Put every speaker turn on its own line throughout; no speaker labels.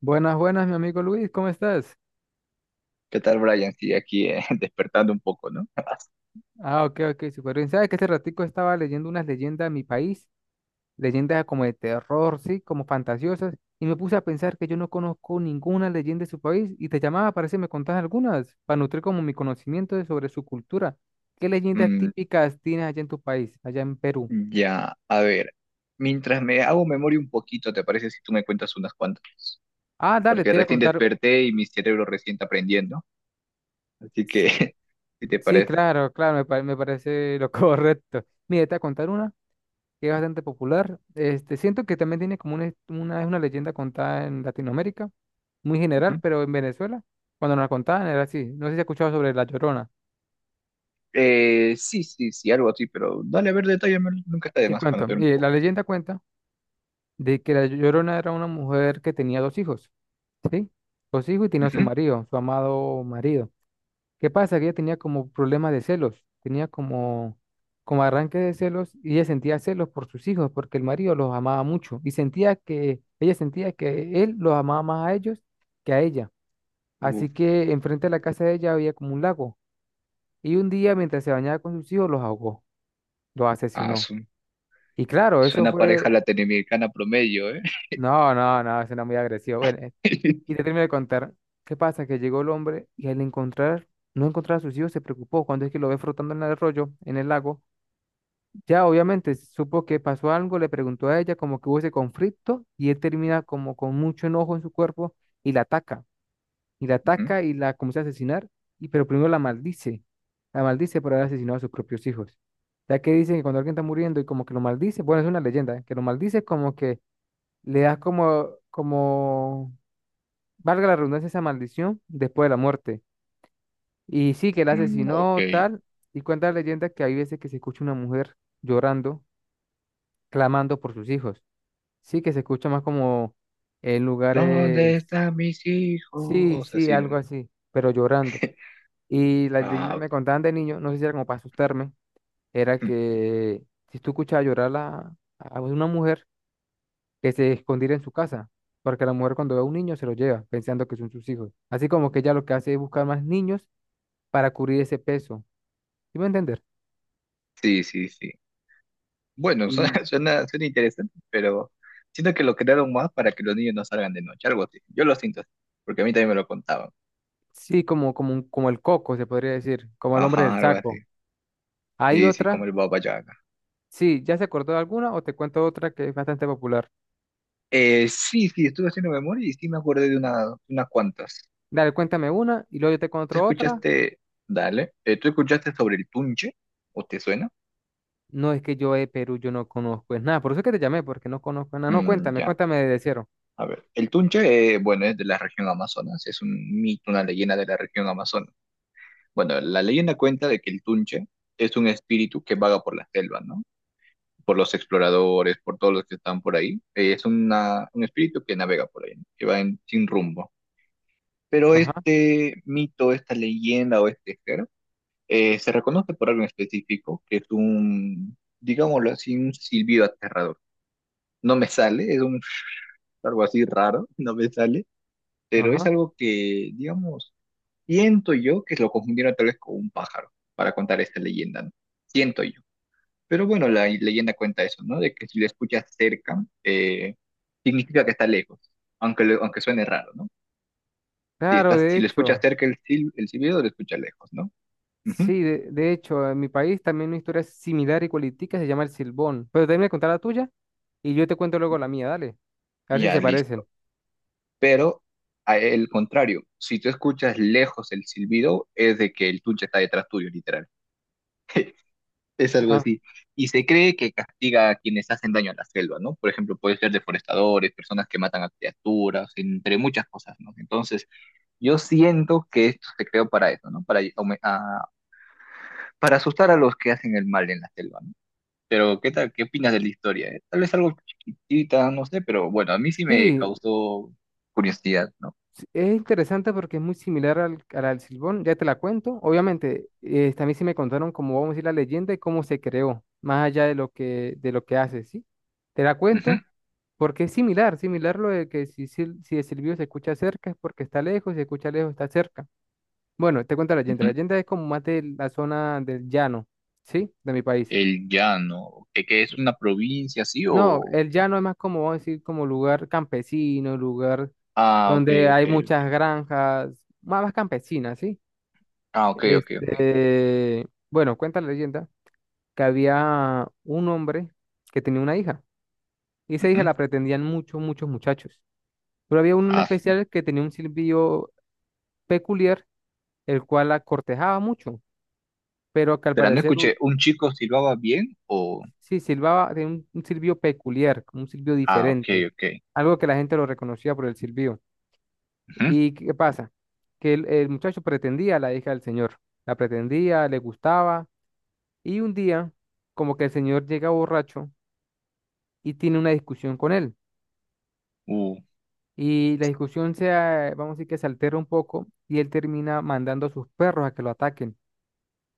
Buenas, buenas, mi amigo Luis, ¿cómo estás?
¿Qué tal, Brian? Sí, aquí despertando un poco, ¿no?
Ah, ok, ok, súper bien. ¿Sabes que este ratico estaba leyendo unas leyendas de mi país? Leyendas como de terror, sí, como fantasiosas, y me puse a pensar que yo no conozco ninguna leyenda de su país, y te llamaba para ver si me contás algunas, para nutrir como mi conocimiento sobre su cultura. ¿Qué leyendas
Mm,
típicas tienes allá en tu país, allá en Perú?
ya, a ver. Mientras me hago memoria un poquito, ¿te parece si tú me cuentas unas cuantas?
Ah, dale,
Porque
te voy a
recién
contar.
desperté y mi cerebro recién está aprendiendo. Así que, ¿si te
Sí,
parece?
claro, claro, me parece lo correcto. Mire, te voy a contar una que es bastante popular. Este, siento que también tiene como una, es- una, es una leyenda contada en Latinoamérica, muy general,
Ujú.
pero en Venezuela, cuando nos la contaban era así. No sé si has escuchado sobre La Llorona.
Sí, sí, sí, algo así, pero dale a ver detalle, nunca está de
Te
más
cuento,
conocer un
la
poco.
leyenda cuenta de que La Llorona era una mujer que tenía dos hijos, ¿sí? Dos hijos y tenía a su
Ujú.
marido, su amado marido. ¿Qué pasa? Que ella tenía como problema de celos, como arranque de celos y ella sentía celos por sus hijos porque el marido los amaba mucho y ella sentía que él los amaba más a ellos que a ella.
Uf,
Así que enfrente de la casa de ella había como un lago y un día mientras se bañaba con sus hijos los ahogó, los
ah,
asesinó.
su-
Y claro, eso
suena pareja
fue,
latinoamericana promedio, ¿eh?
no, no, no, eso era muy agresivo. Bueno, y te termino de contar, ¿qué pasa? Que llegó el hombre y al no encontrar a sus hijos se preocupó cuando es que lo ve flotando en el arroyo, en el lago. Ya obviamente supo que pasó algo, le preguntó a ella como que hubo ese conflicto y él termina como con mucho enojo en su cuerpo y la ataca, y la
Ujú.
ataca y la comienza a asesinar, y pero primero la maldice por haber asesinado a sus propios hijos. Ya que dicen que cuando alguien está muriendo y como que lo maldice, bueno, es una leyenda, ¿eh?, que lo maldice como que le das valga la redundancia, esa maldición después de la muerte. Y sí, que la
Mm, ok.
asesinó tal, y cuenta la leyenda que hay veces que se escucha una mujer llorando, clamando por sus hijos. Sí, que se escucha más como en
¿Dónde
lugares,
están mis
sí,
hijos?
sí,
Así, ¿no?
algo así, pero llorando. Y las
Ah,
leyendas
ok.
me contaban de niño, no sé si era como para asustarme, era que si tú escuchabas llorar a una mujer, que se escondiera en su casa, porque la mujer cuando ve a un niño se lo lleva, pensando que son sus hijos. Así como que ella lo que hace es buscar más niños para cubrir ese peso, ¿sí me a entender?
Sí, sí, sí. Bueno,
Y
suena interesante, pero siento que lo crearon más para que los niños no salgan de noche, algo así. Yo lo siento así, porque a mí también me lo contaban.
sí, como el coco, se podría decir, como el hombre
Ajá,
del
algo así.
saco. Hay
Sí, sí, como
otra.
el Baba Yaga.
Sí, ¿ya se acordó de alguna o te cuento otra que es bastante popular?
Sí, sí, estuve haciendo memoria y sí me acordé de una, unas cuantas.
Dale, cuéntame una y luego yo te
¿Tú
cuento otra.
escuchaste, Tú escuchaste sobre el Tunche? ¿O te suena?
No, es que yo de Perú, yo no conozco es nada, por eso es que te llamé, porque no conozco nada. No, cuéntame,
Ya,
cuéntame de cero.
a ver. El Tunche, bueno, es de la región Amazonas, es un mito, una leyenda de la región Amazonas. Bueno, la leyenda cuenta de que el Tunche es un espíritu que vaga por la selva, ¿no? Por los exploradores, por todos los que están por ahí. Es un espíritu que navega por ahí, ¿no?, sin rumbo. Pero
Ajá,
este mito, esta leyenda o este ser, se reconoce por algo en específico, que es digámoslo así, un silbido aterrador. No me sale, es un, algo así raro, no me sale, pero es
ajá.
algo que, digamos, siento yo que lo confundieron tal vez con un pájaro para contar esta leyenda, ¿no? Siento yo. Pero bueno, la leyenda cuenta eso, ¿no? De que si lo escuchas cerca, significa que está lejos, aunque suene raro, ¿no?
Claro, de
Si lo escuchas
hecho,
cerca el silbido, lo escuchas lejos, ¿no? Ujú.
sí, de hecho, en mi país también una historia similar y cualitica se llama el Silbón. Pero déjame contar la tuya y yo te cuento luego la mía, dale. A ver si
Ya,
se parecen.
listo. Pero el contrario, si tú escuchas lejos el silbido, es de que el tunche está detrás tuyo, literal. Es algo
Ah,
así. Y se cree que castiga a quienes hacen daño a la selva, ¿no? Por ejemplo, puede ser deforestadores, personas que matan a criaturas, entre muchas cosas, ¿no? Entonces, yo siento que esto se creó para eso, ¿no? Para asustar a los que hacen el mal en la selva, ¿no? Pero, ¿qué tal, qué opinas de la historia?, ¿eh? Tal vez algo chiquitita, no sé, pero bueno, a mí sí me
sí,
causó curiosidad, ¿no?
sí, es interesante porque es muy similar al Silbón, ya te la cuento. Obviamente, también sí me contaron cómo vamos a decir la leyenda y cómo se creó, más allá de lo que hace, ¿sí? Te la
Ujú,
cuento porque es similar, similar lo de que si el silbido se escucha cerca es porque está lejos, si se escucha lejos está cerca. Bueno, te cuento la leyenda. La
ujú.
leyenda es como más de la zona del llano, ¿sí? De mi país.
El llano, ¿qué es una provincia, sí
No,
o...?
el llano es más como, vamos a decir, como lugar campesino, lugar
Ah, ok,
donde
ok,
hay muchas
ok.
granjas, más, más campesinas, ¿sí?
Ah, ok, ok, ok.
Este, bueno, cuenta la leyenda que había un hombre que tenía una hija y esa hija
Ujú.
la pretendían muchos, muchos muchachos. Pero había uno en
Ah, sí.
especial que tenía un silbido peculiar, el cual la cortejaba mucho, pero que al
Pero no
parecer
escuché, ¿un chico silbaba bien o...?
sí silbaba, tenía un silbido peculiar, como un silbido
Ah, ok,
diferente,
ok.
algo que la gente lo reconocía por el silbido.
Ujú.
¿Y qué pasa? Que el muchacho pretendía a la hija del señor, la pretendía, le gustaba y un día como que el señor llega borracho y tiene una discusión con él.
Uh,
Y la discusión vamos a decir que se altera un poco y él termina mandando a sus perros a que lo ataquen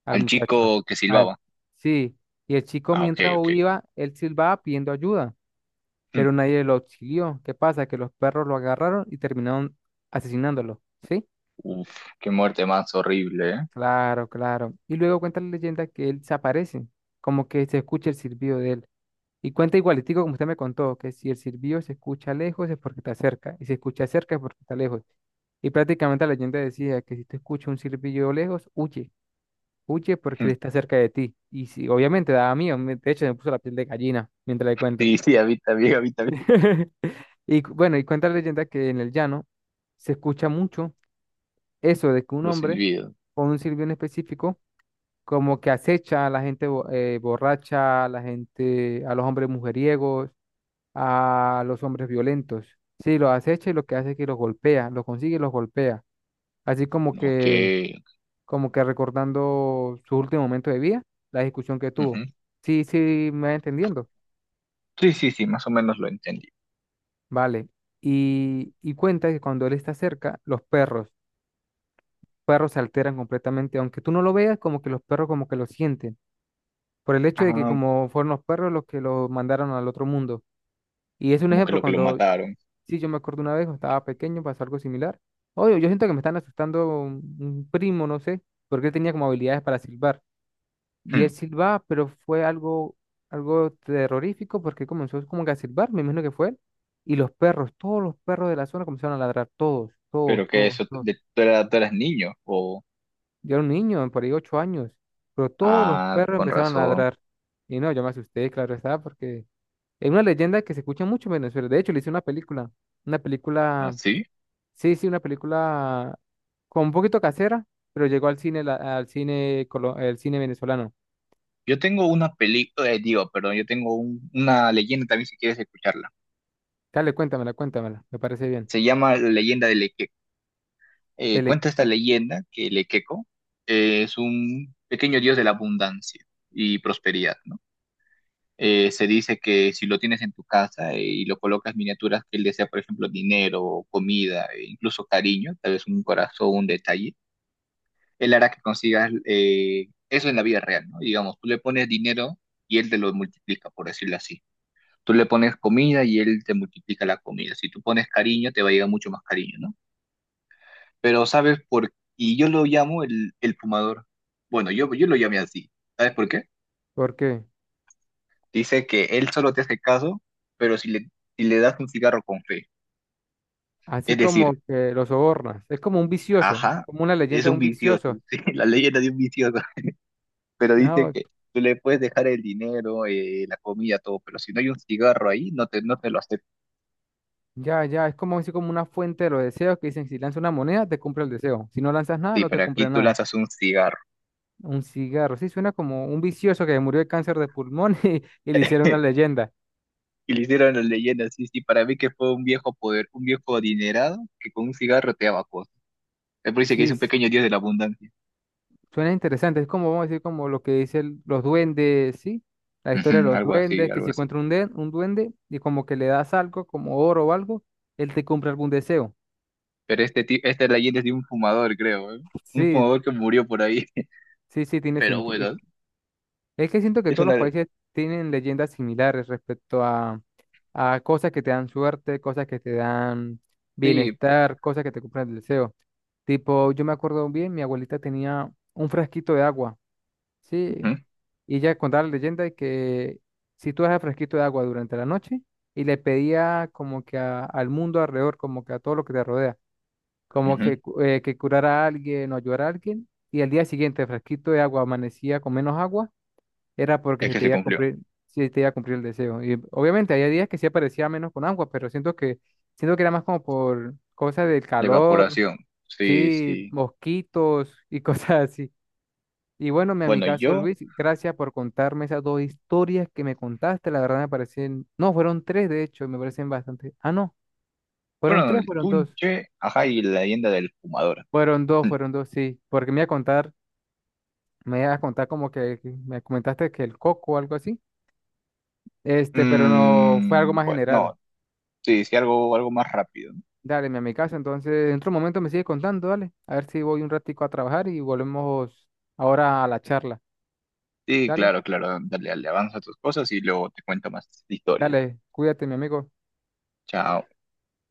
al
al
muchacho.
chico que
Al,
silbaba.
sí, y el chico
Ah, ok,
mientras
ok.
viva, él silbaba pidiendo ayuda, pero nadie lo auxilió. ¿Qué pasa? Que los perros lo agarraron y terminaron asesinándolo, ¿sí?
Uf, qué muerte más horrible, ¿eh?
Claro, claro. Y luego cuenta la leyenda que él se aparece, como que se escucha el silbido de él. Y cuenta igualitico como usted me contó, que si el silbido se escucha lejos es porque está cerca, y si se escucha cerca es porque está lejos. Y prácticamente la leyenda decía que si tú escuchas un silbido lejos, huye, huye porque
Mm.
él está cerca de ti. Y si, obviamente daba miedo, de hecho me puso la piel de gallina mientras le cuento.
Sí, sí, habita bien, habita bien.
Y bueno, y cuenta la leyenda que en el llano se escucha mucho eso de que un
Los
hombre
silbidos.
con un silbido en específico como que acecha a la gente borracha, a la gente, a los hombres mujeriegos, a los hombres violentos. Sí, los acecha y lo que hace es que los golpea, los consigue y los golpea. Así
Ok,
como que recordando su último momento de vida, la discusión que
ujú.
tuvo. Sí, sí, me va entendiendo.
Sí, sí, sí, más o menos lo entendí.
Vale. Y cuenta que cuando él está cerca, perros se alteran completamente, aunque tú no lo veas, como que los perros como que lo sienten, por el hecho de que
Ah,
como fueron los perros los que lo mandaron al otro mundo. Y es un
como
ejemplo
que lo
cuando
mataron.
sí, yo me acuerdo una vez, cuando estaba pequeño, pasó algo similar. Obvio, yo siento que me están asustando un primo, no sé, porque él tenía como habilidades para silbar. Y
Hmm,
él silbaba, pero fue algo, algo terrorífico porque comenzó como que a silbar, me imagino que fue él. Y los perros, todos los perros de la zona comenzaron a ladrar, todos, todos,
pero que
todos,
eso,
todos.
tú eras niño. O,
Yo era un niño, por ahí 8 años, pero todos los
ah,
perros
con
empezaron a
razón.
ladrar. Y no, yo me asusté, claro está, porque es una leyenda que se escucha mucho en Venezuela. De hecho, le hice una película, una
¿Ah,
película.
sí?
Sí, sí, una película con un poquito casera, pero llegó al cine, al cine, el cine venezolano.
Yo tengo una película, digo, perdón, yo tengo una leyenda también si quieres escucharla.
Dale, cuéntamela, cuéntamela, me parece bien.
Se llama La leyenda de Lequeco.
el le-
Cuenta esta leyenda que Lequeco es un pequeño dios de la abundancia y prosperidad, ¿no? Se dice que si lo tienes en tu casa, y lo colocas miniaturas que él desea, por ejemplo, dinero, comida, e incluso cariño, tal vez un corazón, un detalle, él hará que consigas, eso en la vida real, ¿no? Digamos, tú le pones dinero y él te lo multiplica, por decirlo así. Tú le pones comida y él te multiplica la comida. Si tú pones cariño, te va a llegar mucho más cariño, ¿no? Pero ¿sabes por qué? Y yo lo llamo el fumador. Bueno, yo lo llamé así. ¿Sabes por qué?
Porque
Dice que él solo te hace caso, pero si le das un cigarro con fe.
así
Es
como
decir,
que lo sobornas, es como un vicioso,
ajá,
como una
es
leyenda de
un
un
vicioso,
vicioso.
sí, la leyenda de un vicioso, pero dice
No,
que tú le puedes dejar el dinero, la comida, todo, pero si no hay un cigarro ahí, no te lo acepta.
ya, ya, es como así como una fuente de los deseos que dicen, si lanzas una moneda, te cumple el deseo. Si no lanzas nada,
Sí,
no te
pero
cumple
aquí tú
nada.
lanzas un cigarro.
Un cigarro, sí, suena como un vicioso que murió de cáncer de pulmón y le hicieron una leyenda.
Y le hicieron la leyenda, sí, sí, para mí que fue un viejo poder, un viejo adinerado que con un cigarro te daba cosas. Él dice que es
Sí,
un pequeño dios de la abundancia.
suena interesante, es como, vamos a decir, como lo que dicen los duendes, ¿sí? La historia de
Ujú,
los
algo así,
duendes, que
algo
si
así.
encuentra un duende y como que le das algo, como oro o algo, él te cumple algún deseo.
Pero esta leyenda es de un fumador, creo, ¿eh? Un
Sí,
fumador que murió por ahí.
sí, sí, tiene
Pero
sentido.
bueno,
Es que siento que
es
todos los
una...
países tienen leyendas similares respecto a cosas que te dan suerte, cosas que te dan
Sí,
bienestar, cosas que te cumplen el deseo. Tipo, yo me acuerdo bien, mi abuelita tenía un frasquito de agua, ¿sí?
ujú,
Y ella contaba la leyenda de que si tú dejas fresquito de agua durante la noche y le pedía como que al mundo alrededor, como que a todo lo que te rodea, como
ujú.
que, que curara a alguien o ayudara a alguien, y al día siguiente fresquito de agua amanecía con menos agua, era porque
Es
se
que
te
se
iba a
cumplió.
cumplir, se te iba a cumplir el deseo. Y obviamente había días que sí aparecía menos con agua, pero siento que era más como por cosas del
La
calor,
evaporación. Sí,
sí,
sí.
mosquitos y cosas así. Y bueno, mi
Bueno,
amigazo
yo...
Luis, gracias por contarme esas dos historias que me contaste. La verdad me parecen, no, fueron tres de hecho, me parecen bastante. Ah, no, fueron
Bueno,
tres,
el
fueron dos.
Tunche, ajá, y la leyenda del fumador.
Fueron dos, fueron dos, sí. Porque me iba a contar, me iba a contar como que me comentaste que el coco o algo así. Este, pero no, fue algo
Mm,
más
bueno,
general.
no, sí, sí, algo, algo más rápido, ¿no?
Dale, mi amigazo, entonces dentro de un momento me sigue contando, dale. A ver si voy un ratico a trabajar y volvemos ahora a la charla.
Sí,
Dale,
claro, claro, dale, dale, avanza tus cosas y luego te cuento más historias.
dale, cuídate, mi amigo.
Chao.